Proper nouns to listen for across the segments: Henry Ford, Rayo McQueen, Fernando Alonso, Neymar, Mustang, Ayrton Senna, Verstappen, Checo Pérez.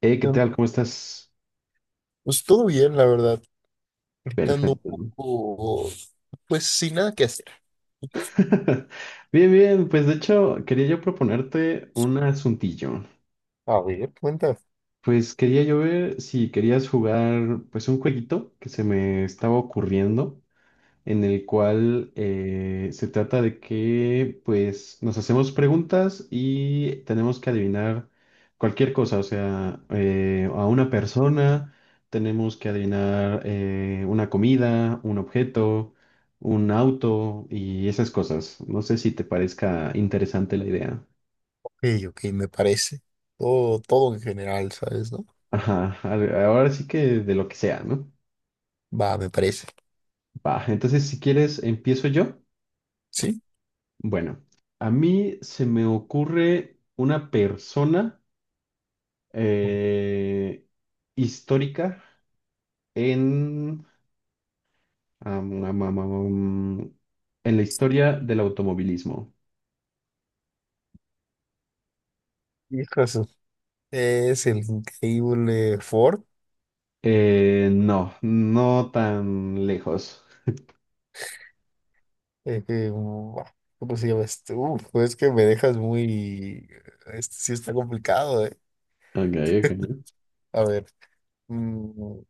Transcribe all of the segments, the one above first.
Hey, ¿qué Em, tal? ¿Cómo estás? Pues todo bien, la verdad. Estando Perfecto. un ¿No? poco, pues sin nada que hacer. ¿Y tú? Bien, bien, pues de hecho quería yo proponerte un asuntillo. A ver, cuenta. Ok, Pues quería yo ver si querías jugar pues un jueguito que se me estaba ocurriendo, en el cual se trata de que pues nos hacemos preguntas y tenemos que adivinar cualquier cosa, o sea, a una persona, tenemos que adivinar una comida, un objeto, un auto y esas cosas. No sé si te parezca interesante la idea. ok, me parece. Todo en general, ¿sabes, no? Ajá, ahora sí que de lo que sea, ¿no? Va, me parece. Va, entonces si quieres empiezo yo. ¿Sí? Bueno, a mí se me ocurre una persona eh, histórica en, am, am, am, am, am, en la historia del automovilismo. Hijo de su- Es el increíble Ford. No, no tan lejos. Que, buah, ¿cómo se llama este? Uf, pues que me dejas muy... Este sí está complicado, ¿eh? Ok, ok. A ver. mm,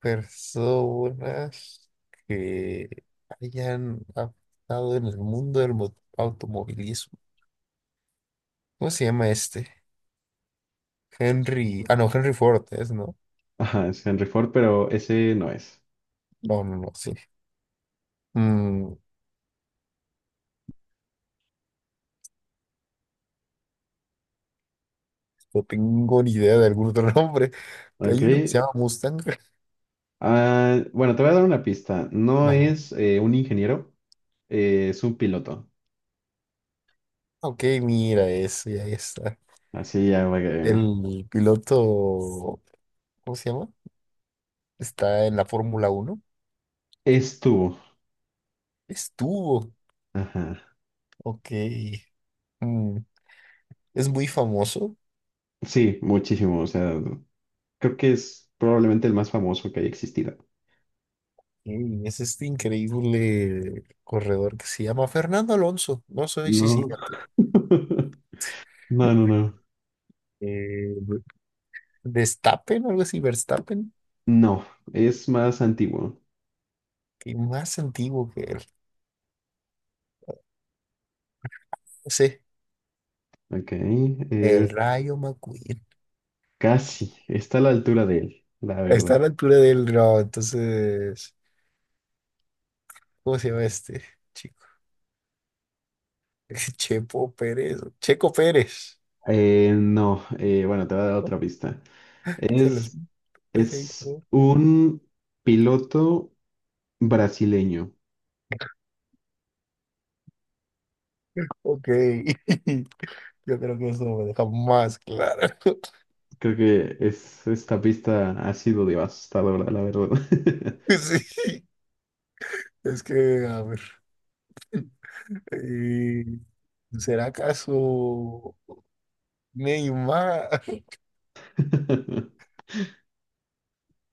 Personas que hayan estado en el mundo del automovilismo. ¿Cómo se llama este? Henry. Ah, no, Henry Ford es, ¿no? Ajá, es Henry Ford, pero ese no es. No, no, no, sí. Mm, no tengo ni idea de algún otro nombre. Que Ok. hay uno que se llama Mustang. Ah, bueno, te voy a dar una pista. No Va. es un ingeniero, es un piloto. Ok, mira eso, y ahí está. Así ya va que... El piloto, ¿cómo se llama? Está en la Fórmula Uno. Estuvo. Estuvo. Ajá. Ok. Mm, Es muy famoso. Sí, muchísimo. O sea, creo que es probablemente el más famoso que haya existido. Y es este increíble corredor que se llama Fernando Alonso. No sé si sí, No. No, no, no. eh, Verstappen, algo así, Verstappen, No, es más antiguo. que más antiguo que él. No sé, Ok. Es el Rayo McQueen. casi. Está a la altura de él, la verdad. Está a la altura del no, entonces, ¿cómo se llama este chico? Chepo Pérez, Checo Pérez, No, bueno, te voy a dar ¿no? otra pista. Se los Es, Pérez, es ¿no? un piloto brasileño. Ok, yo creo que eso me deja más claro. Creo que es, esta pista ha sido devastadora, la verdad. Sí, es que, a ver. eh, ¿Será acaso Neymar?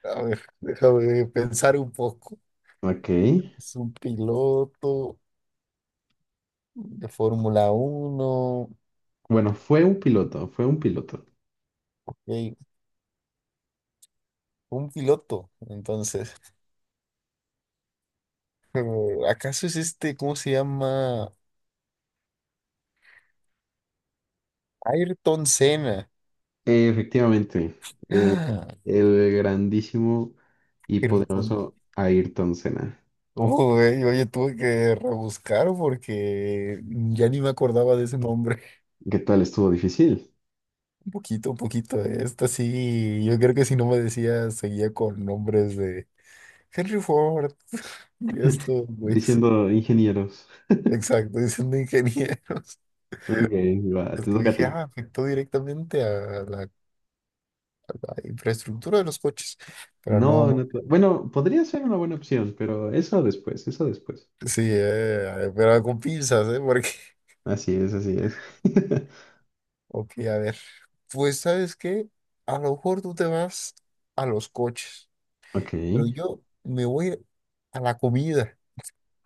A ver, déjame pensar un poco. Ok. Es un piloto de Fórmula Uno, Bueno, fue un piloto, fue un piloto. ok, un piloto, entonces. Eh, ¿Acaso es este, cómo se llama? Ayrton Senna. Efectivamente. eh, Ah, el grandísimo y Ayrton. poderoso Ayrton Senna. Uy, oye, tuve que rebuscar porque ya ni me acordaba de ese nombre. ¿Qué tal? Estuvo difícil. Un poquito, un poquito. Esta sí, yo creo que si no me decía, seguía con nombres de Henry Ford. Y estos güeyes, Diciendo ingenieros. exacto, diciendo ingenieros. Ok, va, Es te que toca a dije, ti. ah, afectó directamente a la infraestructura de los coches. Pero no, No, no. Bueno, podría ser una buena opción, pero eso después, eso después. Sí, pero con pinzas, ¿eh? Porque, Así es, así es. ok, a ver. Pues, ¿sabes qué? A lo mejor tú te vas a los coches, Ok, pero yo me voy a la comida.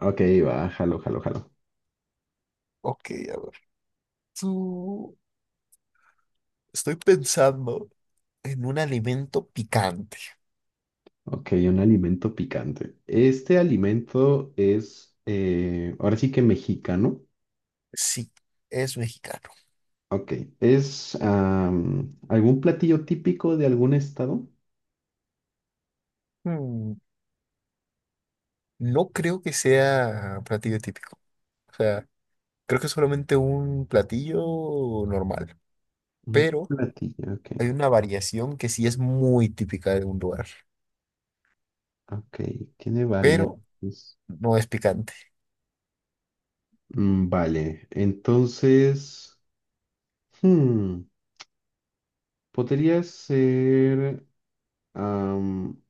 ok, va, jalo, jalo, jalo. Ok, a ver. Tú, estoy pensando en un alimento picante. Ok, un alimento picante. Este alimento es, ahora sí que mexicano. Sí, es mexicano. Ok, ¿es algún platillo típico de algún estado? Hmm, no creo que sea platillo típico. O sea, creo que es solamente un platillo normal. Un Pero platillo, ok, hay una variación que sí es muy típica de un lugar. ok, tiene Pero variantes. no es picante. Mm, vale, entonces, hmm, podría ser, am,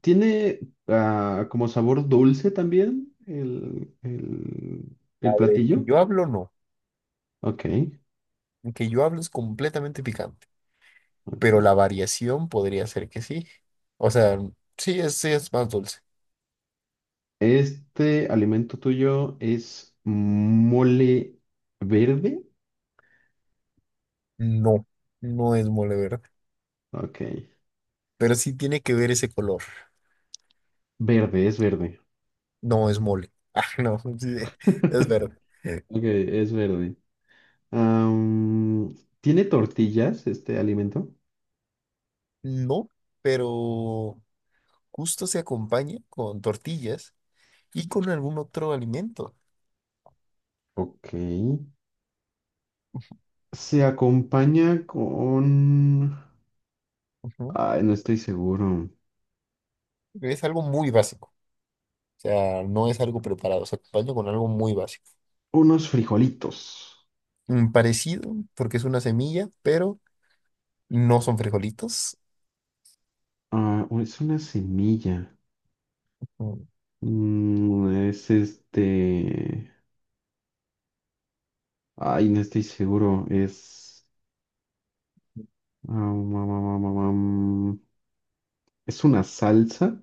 ¿tiene como sabor dulce también el El que platillo? yo hablo, no. Ok, El que yo hablo es completamente picante. ok. Pero la variación podría ser que sí. O sea, sí es más dulce. ¿Este alimento tuyo es mole verde? No, no es mole verde. Ok, Pero sí tiene que ver ese color. verde, es verde. No es mole. Ah, no, sí, es verde. Ok, es verde. Am, ¿Tiene tortillas este alimento? No, pero. Justo se acompaña con tortillas y con algún otro alimento. Ok. Se acompaña con... Ujú. Ay, no estoy seguro. Es algo muy básico. O sea, no es algo preparado, se acompaña con algo muy básico. Unos frijolitos. Mm, parecido, porque es una semilla, pero no son frijolitos. Ah, o es una semilla. Mm, Mm, es este... Ay, no estoy seguro. Es... am, am, am, am, am. Es una salsa.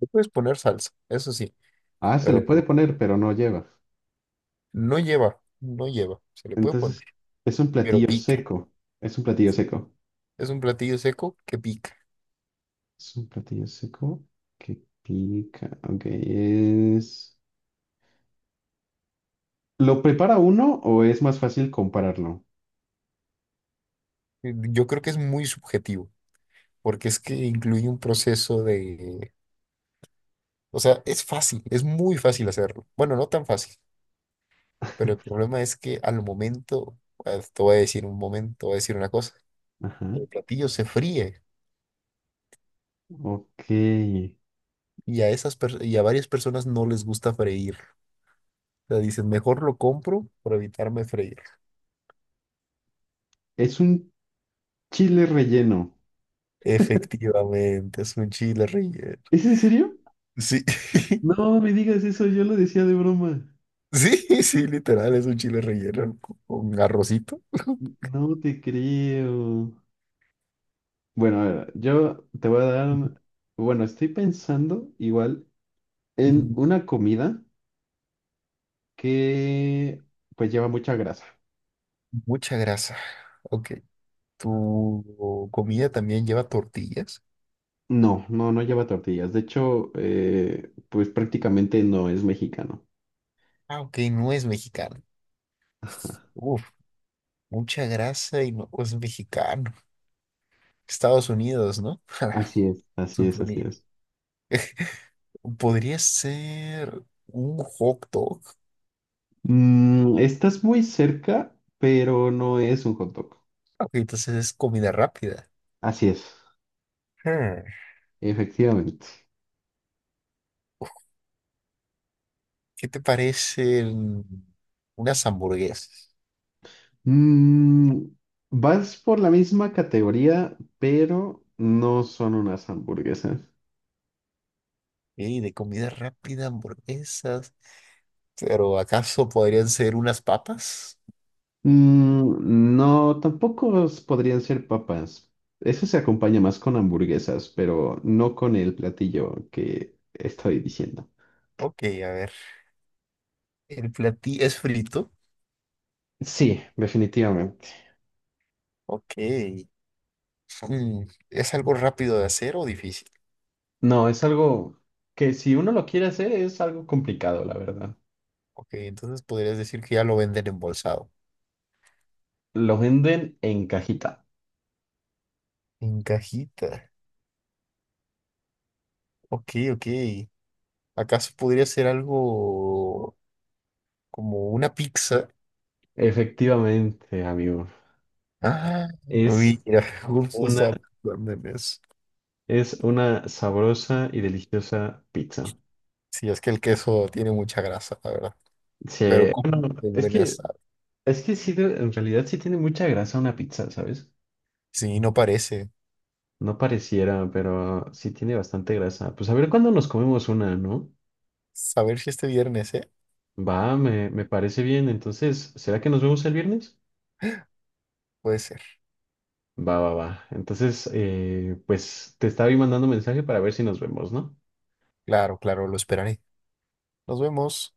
Le puedes poner salsa, eso sí, Ah, se le pero puede poner, pero no lleva. no lleva, no lleva. Se le puede poner, Entonces, es un pero platillo pica. seco. Es un platillo Sí, seco. es un platillo seco que pica. Es un platillo seco que pica. Ok, es... ¿Lo prepara uno o es más fácil compararlo? Yo creo que es muy subjetivo, porque es que incluye un proceso de... O sea, es fácil, es muy fácil hacerlo. Bueno, no tan fácil, pero el problema es que al momento, te voy a decir un momento, te voy a decir una cosa, Ajá. el platillo se fríe Ok. y a esas y a varias personas no les gusta freír. O sea, dicen, mejor lo compro por evitarme freír. Es un chile relleno. Efectivamente, es un chile relleno. ¿Es en serio? Sí, No me digas eso, yo lo decía de broma. sí, sí, literal, es un chile relleno con arrocito. No te creo. Bueno, a ver, yo te voy a dar... Bueno, estoy pensando igual en Ujú. una comida que pues lleva mucha grasa. Mucha grasa. Ok, ¿tu comida también lleva tortillas? No, no, no lleva tortillas. De hecho, pues prácticamente no es mexicano. Ah, ok, no es mexicana. Ajá. Uf, mucha grasa y no es mexicano. Estados Unidos, ¿no? Así es, así es, así Suponía. es. Podría ser un hot dog. Mm, estás muy cerca, pero no es un hot dog. Ok, entonces es comida rápida. Así es, Hmm, efectivamente. ¿qué te parecen unas hamburguesas? Mm, vas por la misma categoría, pero no son unas hamburguesas. Ey, de comida rápida, hamburguesas. Pero ¿acaso podrían ser unas papas? Mm, no, tampoco s- podrían ser papas. Eso se acompaña más con hamburguesas, pero no con el platillo que estoy diciendo. Ok, a ver. ¿El platillo es frito? Sí, definitivamente. Ok. Mm, ¿es algo rápido de hacer o difícil? No, es algo que si uno lo quiere hacer es algo complicado, la verdad. Ok, entonces podrías decir que ya lo venden embolsado. Lo venden en cajita. En cajita. Ok, ok. ¿Acaso podría ser algo como una pizza? Efectivamente, amigo. Ah, Es mira, justo estaba una, pensando en eso. es una sabrosa y deliciosa pizza. Sí, es que el queso tiene mucha grasa, la verdad. Sí, Pero cómo bueno, de buena sabe. es que sí, en realidad sí tiene mucha grasa una pizza, ¿sabes? Sí, no parece. No pareciera, pero sí tiene bastante grasa. Pues a ver cuándo nos comemos una, ¿no? A ver si este viernes, ¿eh? Va, me parece bien. Entonces, ¿será que nos vemos el viernes? Puede ser. Va, va, va. Entonces, pues te estaba ahí mandando mensaje para ver si nos vemos, ¿no? Claro, claro, lo esperaré. Nos vemos.